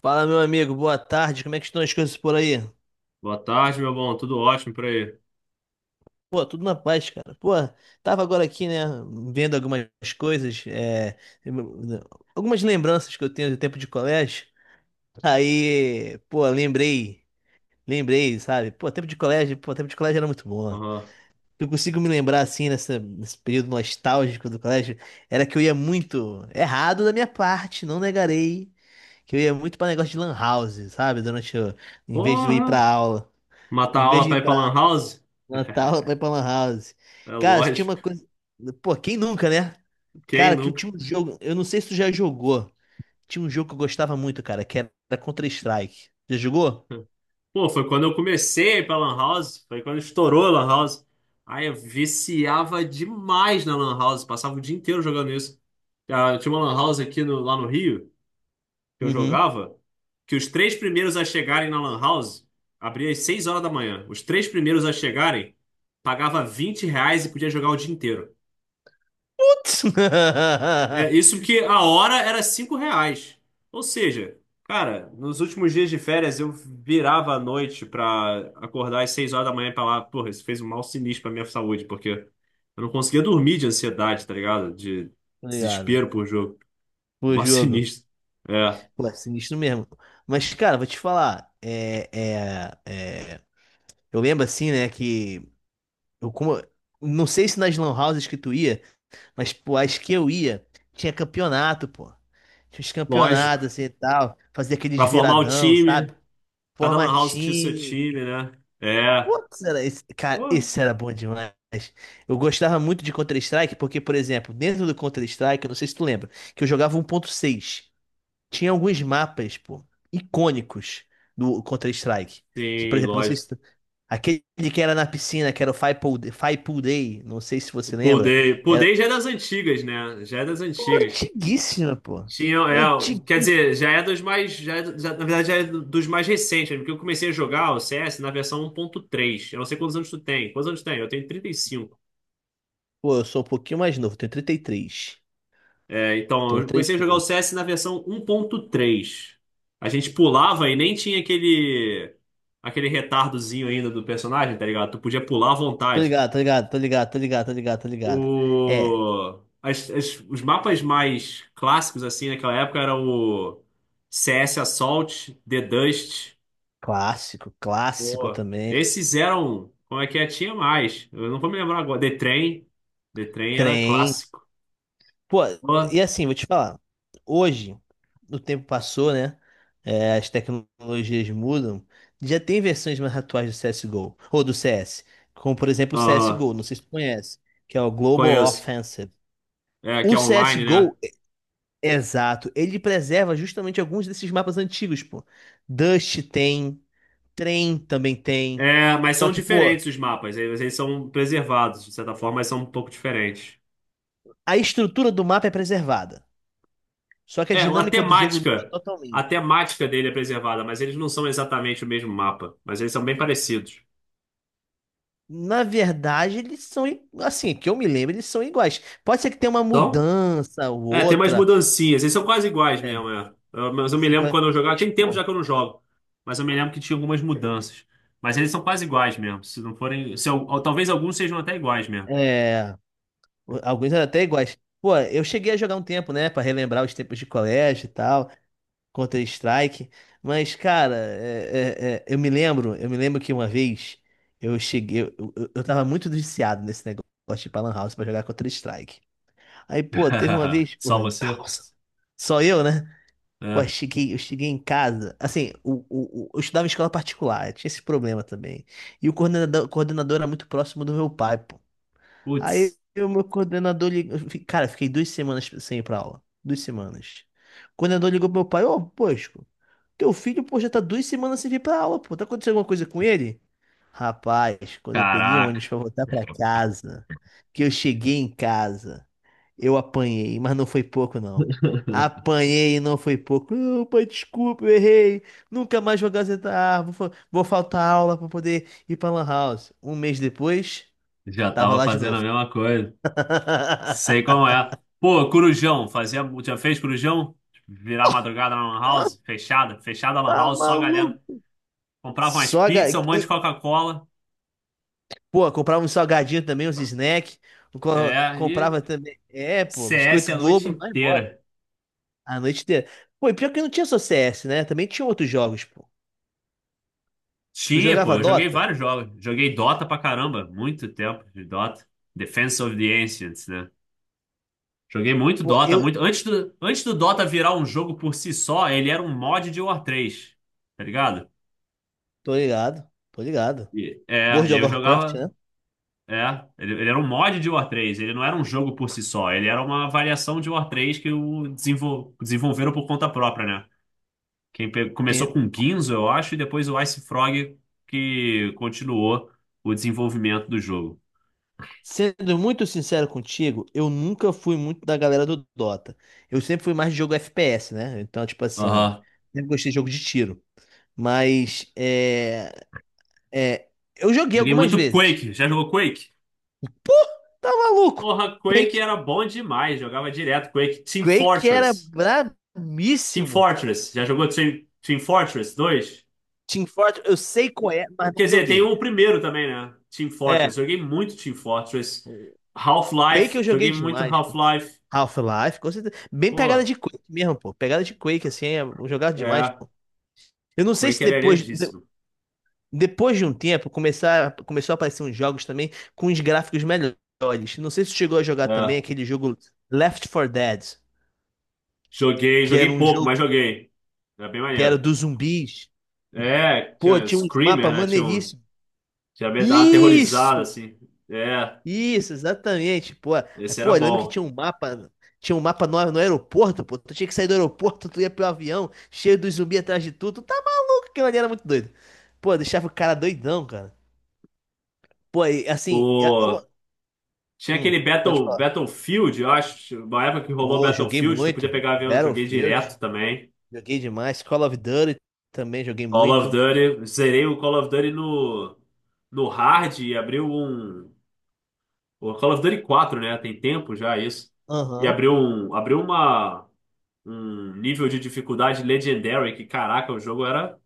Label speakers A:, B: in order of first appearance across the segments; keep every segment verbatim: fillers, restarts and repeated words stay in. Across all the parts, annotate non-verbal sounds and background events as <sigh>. A: Fala, meu amigo, boa tarde. Como é que estão as coisas por aí?
B: Boa tarde, meu bom. Tudo ótimo por aí.
A: Pô, tudo na paz, cara. Pô, tava agora aqui, né, vendo algumas coisas, é, algumas lembranças que eu tenho do tempo de colégio. Aí, pô, lembrei, lembrei, sabe? Pô, tempo de colégio, pô, tempo de colégio era muito bom.
B: Aham.
A: Eu consigo me lembrar assim nessa, nesse período nostálgico do colégio, era que eu ia muito errado da minha parte, não negarei, que eu ia muito pra negócio de lan house, sabe? Durante o, em vez de eu ir
B: Porra!
A: pra aula,
B: Matar a
A: em vez
B: aula
A: de ir
B: pra ir pra
A: pra
B: Lan House? <laughs>
A: Natal foi pra Lan House.
B: É
A: Cara, tinha uma
B: lógico.
A: coisa. Pô, quem nunca, né?
B: Quem
A: Cara, que eu
B: nunca?
A: tinha um jogo. Eu não sei se tu já jogou. Tinha um jogo que eu gostava muito, cara, que era Counter-Strike. Já jogou?
B: Pô, foi quando eu comecei a ir pra Lan House. Foi quando estourou a Lan House. Aí eu viciava demais na Lan House. Passava o dia inteiro jogando isso. Ah, tinha uma Lan House aqui no- lá no Rio, que eu
A: Uhum.
B: jogava, que os três primeiros a chegarem na Lan House, abria às seis horas da manhã. Os três primeiros a chegarem, pagava vinte reais e podia jogar o dia inteiro.
A: Putz! <laughs>
B: É, isso que a hora era cinco reais. Ou seja, cara, nos últimos dias de férias eu virava à noite pra acordar às seis horas da manhã e falar, porra, isso fez um mal sinistro pra minha saúde, porque eu não conseguia dormir de ansiedade, tá ligado? De
A: Obrigado.
B: desespero por jogo. <laughs>
A: Pô,
B: Mal
A: jogo.
B: sinistro. É,
A: Pô, é sinistro mesmo. Mas, cara, vou te falar. É, é, é... Eu lembro assim, né, que. Eu, como... Não sei se nas lan houses que tu ia, mas, pô, as que eu ia, tinha campeonato, pô. Tinha uns
B: lógico.
A: campeonatos assim e tal. Fazia aqueles
B: Pra formar o
A: viradão, sabe?
B: time, cada lan
A: Forma
B: house tinha o seu
A: time.
B: time, né? É.
A: Putz, era esse, cara,
B: Porra.
A: esse era bom demais. Eu gostava muito de Counter-Strike porque, por exemplo, dentro do Counter-Strike, eu não sei se tu lembra, que eu jogava um ponto seis. Tinha alguns mapas, pô, icônicos do Counter-Strike. Que, por
B: Sim,
A: exemplo, não sei
B: lógico.
A: se tu... Aquele que era na piscina, que era o Five Pool, Five Pool Day, não sei se
B: O
A: você
B: Pool
A: lembra.
B: Day. Pool
A: Era
B: Day já é das antigas, né? Já é das
A: pô,
B: antigas.
A: antiguíssima, pô.
B: Tinha, é, é, quer
A: Antiguíssima.
B: dizer, já é dos mais, já, é do- já- na verdade já é do- dos mais recentes, né? Porque eu comecei a jogar o C S na versão um ponto três. Eu não sei quantos anos tu tem. Quantos anos tu tem? Eu tenho trinta e cinco.
A: Pô, eu sou um pouquinho mais novo, tenho trinta e três.
B: É,
A: Eu
B: então,
A: tenho
B: eu
A: três
B: comecei a jogar o
A: anos.
B: C S na versão um ponto três. A gente pulava e nem tinha aquele aquele retardozinho ainda do personagem, tá ligado? Tu podia pular à
A: Tô
B: vontade.
A: ligado, tô ligado, tô ligado, tô ligado, tô ligado, tô ligado. É,
B: O as- as- os mapas mais clássicos assim naquela época era o C S Assault, The Dust,
A: clássico, clássico
B: pô,
A: também.
B: esse zero um, como é que é? Tinha mais. Eu não vou me lembrar agora. The Train. The Train era
A: Trem.
B: clássico.
A: Pô,
B: Pô,
A: e assim, vou te falar. Hoje, o tempo passou, né? É, as tecnologias mudam. Já tem versões mais atuais do C S G O, ou do C S. Como, por exemplo, o
B: aham,
A: C S G O, não sei se tu conhece, que é o Global
B: conheço.
A: Offensive.
B: É, que
A: O
B: é online, né?
A: C S G O, exato. Ele preserva justamente alguns desses mapas antigos, pô. Dust tem, Trem também tem.
B: É, mas
A: Só
B: são
A: que, pô,
B: diferentes os mapas. Eles eles são preservados, de certa forma, mas são um pouco diferentes.
A: a estrutura do mapa é preservada. Só que a
B: É, a
A: dinâmica do jogo muda
B: temática. A
A: totalmente.
B: temática dele é preservada, mas eles não são exatamente o mesmo mapa. Mas eles são bem parecidos.
A: Na verdade, eles são, i- assim, que eu me lembro, eles são iguais. Pode ser que tenha uma
B: São?
A: mudança ou
B: É, tem mais
A: outra.
B: mudancinhas. Eles são quase iguais
A: É,
B: mesmo, é. Eu- mas eu me
A: essa
B: lembro
A: coisa-
B: quando eu jogava.
A: mas,
B: Tem tempo
A: pô,
B: já que eu não jogo. Mas eu me lembro que tinha algumas mudanças. Mas eles são quase iguais mesmo. Se não forem. Se, eu- Ou talvez alguns sejam até iguais mesmo.
A: é, o- alguns eram até iguais. Pô, eu cheguei a jogar um tempo, né, pra relembrar os tempos de colégio e tal. Counter-Strike. Mas, cara, é- é- é, eu me lembro, eu me lembro que uma vez eu cheguei, eu, eu, eu tava muito viciado nesse negócio de ir pra Lan House pra jogar Counter-Strike. Aí, pô, teve uma
B: <laughs>
A: vez,
B: Só
A: porra,
B: você?
A: nossa, só eu, né? Pô, eu
B: É.
A: cheguei, eu cheguei em casa, assim, o, o, o- eu estudava em escola particular, eu tinha esse problema também. E o coordenador, coordenador era muito próximo do meu pai, pô. Aí,
B: Putz,
A: o meu coordenador ligou, cara, eu fiquei duas semanas sem ir pra aula, duas semanas. O coordenador ligou pro meu pai, ô, poxa. Teu filho, pô, já tá duas semanas sem vir pra aula, pô. Tá acontecendo alguma coisa com ele? Rapaz, quando eu peguei o
B: caraca,
A: ônibus pra voltar pra casa, que eu cheguei em casa, eu apanhei, mas não foi pouco, não. Apanhei e não foi pouco. Não, pai, desculpa, eu errei. Nunca mais vou gazetar. Vou, fa- vou faltar aula pra poder ir pra Lan House. Um mês depois,
B: já
A: tava
B: tava
A: lá de
B: fazendo a
A: novo.
B: mesma coisa. Sei como
A: <laughs>
B: é. Pô, Corujão, fazia, já fez Corujão? Virar madrugada na Lan House, fechada, fechada a Lan
A: Tá
B: House, só a galera
A: maluco?
B: comprava umas
A: Só ga...
B: pizzas, um monte de Coca-Cola.
A: Pô, comprava um salgadinho também, uns snacks. Co-
B: É, e
A: Comprava também. É, pô,
B: C S
A: Biscoito
B: a noite
A: Globo, vai embora.
B: inteira.
A: A noite inteira. Pô, e pior que não tinha só C S, né? Também tinha outros jogos, pô. Tu
B: Tinha, pô,
A: jogava
B: eu joguei
A: Dota?
B: vários jogos. Joguei Dota pra caramba, muito tempo de Dota. Defense of the Ancients, né? Joguei muito
A: Pô,
B: Dota,
A: eu.
B: muito. Antes do, antes do Dota virar um jogo por si só, ele era um mod de War três, tá ligado?
A: Tô ligado, tô ligado.
B: E, é, e
A: World of
B: eu
A: Warcraft,
B: jogava.
A: né?
B: É, ele, ele era um mod de War três, ele não era um jogo por si só, ele era uma variação de War três que o desenvol, desenvolveram por conta própria, né? Quem pe- começou
A: Tem-
B: com Guinsoo, eu acho, e depois o Ice Frog que continuou o desenvolvimento do jogo.
A: Sendo muito sincero contigo, eu nunca fui muito da galera do Dota. Eu sempre fui mais de jogo F P S, né? Então, tipo assim, um-
B: Aham.
A: sempre gostei de jogo de tiro. Mas, é, é, eu joguei
B: Joguei
A: algumas
B: muito
A: vezes.
B: Quake. Já jogou Quake?
A: Pô, tá maluco.
B: Porra, Quake
A: Quake,
B: era bom demais. Jogava direto Quake. Team
A: Quake era
B: Fortress. Team
A: brabíssimo.
B: Fortress. Já jogou Team, Team Fortress dois?
A: Team Fortress, eu sei qual é, mas
B: Quer
A: não
B: dizer, tem
A: joguei.
B: o primeiro também, né? Team
A: É,
B: Fortress. Joguei muito Team Fortress.
A: Quake
B: Half-Life.
A: eu joguei
B: Joguei muito
A: demais.
B: Half-Life.
A: Half-Life, com certeza. Bem pegada
B: Pô,
A: de Quake mesmo, pô. Pegada de Quake, assim, é um jogado demais,
B: é.
A: pô. Eu não sei se
B: Quake era
A: depois, de-
B: iradíssimo.
A: depois de um tempo começar, começou a aparecer uns jogos também com os gráficos melhores. Não sei se tu chegou a jogar também
B: É.
A: aquele jogo Left for Dead,
B: Joguei,
A: que era
B: joguei
A: um
B: pouco,
A: jogo
B: mas joguei. Era bem
A: que era
B: maneiro.
A: dos zumbis.
B: É, tinha
A: Pô,
B: um
A: tinha uns
B: Screamer,
A: mapas
B: né? Tinha um.
A: maneiríssimos.
B: Já me dava uma aterrorizada,
A: Isso!
B: assim. É,
A: Isso, exatamente. Pô, ah,
B: esse era
A: pô, eu lembro que
B: bom.
A: tinha um mapa, tinha um mapa no, no aeroporto, pô. Tu tinha que sair do aeroporto, tu ia pro avião, cheio dos zumbis atrás de tudo. Tu tá maluco, aquilo ali era muito doido. Pô, deixava o cara doidão, cara. Pô, e, assim, é- uma-
B: O Tinha
A: hum,
B: aquele
A: pode
B: Battle,
A: falar.
B: Battlefield, eu acho, uma época que rolou
A: Pô, joguei
B: Battlefield, tu podia
A: muito.
B: pegar avião, joguei
A: Battlefield,
B: direto também.
A: joguei demais. Call of Duty também joguei
B: Call of
A: muito.
B: Duty, zerei o Call of Duty no, no hard e abriu um. O Call of Duty quatro, né? Tem tempo já isso. E
A: Aham.
B: abriu um, abriu uma, um nível de dificuldade Legendary, que caraca, o jogo era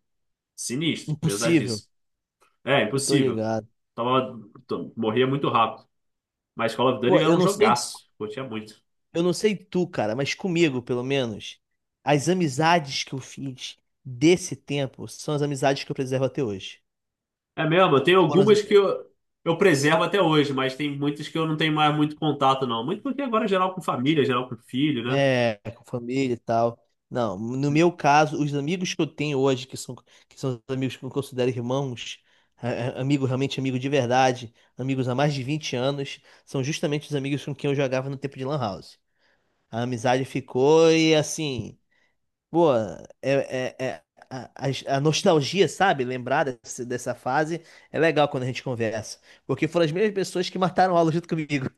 B: sinistro,
A: Impossível.
B: pesadíssimo. É,
A: Eu tô
B: impossível.
A: ligado.
B: Tava, to- Morria muito rápido. Mas Call of Duty
A: Pô,
B: era
A: eu
B: um
A: não sei.
B: jogaço, curtia muito.
A: Eu não sei tu, cara, mas comigo, pelo menos, as amizades que eu fiz desse tempo são as amizades que eu preservo até hoje.
B: É mesmo, tem
A: Foram as-
B: algumas que eu, eu preservo até hoje, mas tem muitas que eu não tenho mais muito contato, não. Muito porque agora é geral com família, geral com filho, né?
A: é, com família e tal. Não, no meu caso, os amigos que eu tenho hoje, que são, que são os amigos que eu considero irmãos, é, é, amigo realmente amigo de verdade, amigos há mais de vinte anos, são justamente os amigos com quem eu jogava no tempo de Lan House. A amizade ficou e assim. Pô, é, é, é- a, a- a nostalgia, sabe? Lembrar desse- dessa fase é legal quando a gente conversa. Porque foram as mesmas pessoas que mataram aula junto comigo. <laughs>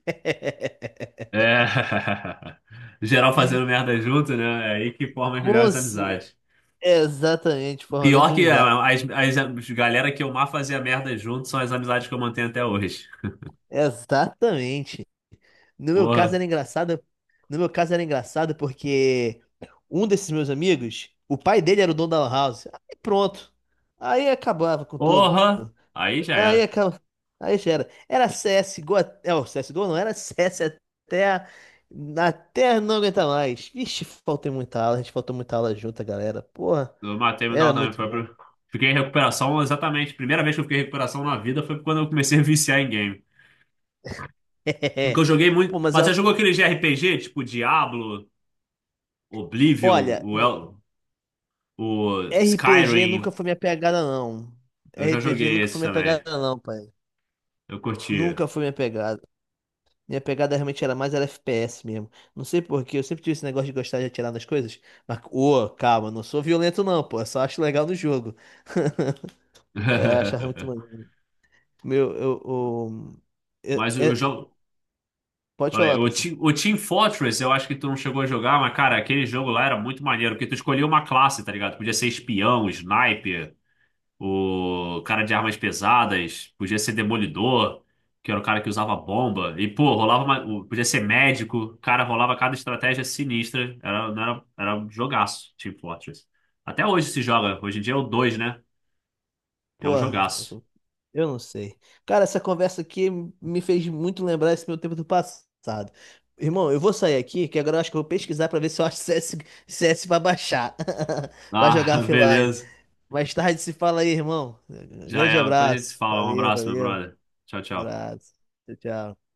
B: É. <laughs> Geral fazendo merda junto, né? É aí que forma as
A: Com
B: melhores
A: ce-
B: amizades.
A: Exatamente, foram grandes
B: Pior que
A: amizades.
B: ah, as, as, as galera que eu mais fazia merda junto são as amizades que eu mantenho até hoje.
A: Exatamente. No meu caso
B: Porra.
A: era engraçado. No meu caso era engraçado porque um desses meus amigos, o pai dele era o dono da lan house. Aí pronto. Aí acabava com tudo.
B: Porra! Aí já
A: Aí
B: era.
A: acaba. Aí já era. Era C S G O. Até- É, o C S G O não era C S até. A- Até não aguentar mais. Vixe, faltei muita aula. A gente faltou muita aula junto, galera. Porra,
B: Eu matei mental
A: era
B: também.
A: muito
B: Foi
A: bom.
B: pro. Fiquei em recuperação exatamente. Primeira vez que eu fiquei em recuperação na vida foi quando eu comecei a viciar em game. Porque
A: <laughs>
B: eu joguei
A: Pô,
B: muito.
A: mas
B: Mas
A: ó,
B: você jogou aquele de R P G, tipo Diablo, Oblivion,
A: olha,
B: o,
A: o
B: El- o
A: R P G nunca
B: Skyrim?
A: foi minha pegada, não.
B: Eu já
A: R P G
B: joguei
A: nunca foi
B: esses
A: minha
B: também.
A: pegada, não, pai.
B: Eu curtia.
A: Nunca foi minha pegada. Minha pegada realmente era mais era F P S mesmo. Não sei por quê, eu sempre tive esse negócio de gostar de atirar nas coisas. Mas, ô, calma, não sou violento, não, pô. Eu só acho legal no jogo. <laughs> É, eu achava muito
B: <laughs>
A: maneiro. Meu, eu, o- é-
B: Mas o
A: é-
B: jogo.
A: pode
B: Olha,
A: falar,
B: o
A: pessoal.
B: Team, o Team Fortress, eu acho que tu não chegou a jogar, mas, cara, aquele jogo lá era muito maneiro, porque tu escolhia uma classe, tá ligado? Podia ser espião, sniper. O cara de armas pesadas, podia ser demolidor, que era o cara que usava bomba. E, pô, rolava uma, o- podia ser médico, cara, rolava cada estratégia sinistra. Era, não era, era um jogaço, Team Fortress. Até hoje se joga, hoje em dia é o dois, né? É um
A: Porra,
B: jogaço.
A: eu não sei. Cara, essa conversa aqui me fez muito lembrar esse meu tempo do passado. Irmão, eu vou sair aqui, que agora eu acho que eu vou pesquisar pra ver se eu acho <laughs> C S, C S pra baixar. <laughs> Pra jogar
B: Ah, <laughs>
A: offline.
B: beleza.
A: Mais tarde se fala aí, irmão.
B: Já
A: Grande
B: é, depois a gente se
A: abraço.
B: fala. Um
A: Valeu,
B: abraço, meu
A: valeu.
B: brother. Tchau,
A: Um
B: tchau.
A: abraço. Tchau, tchau.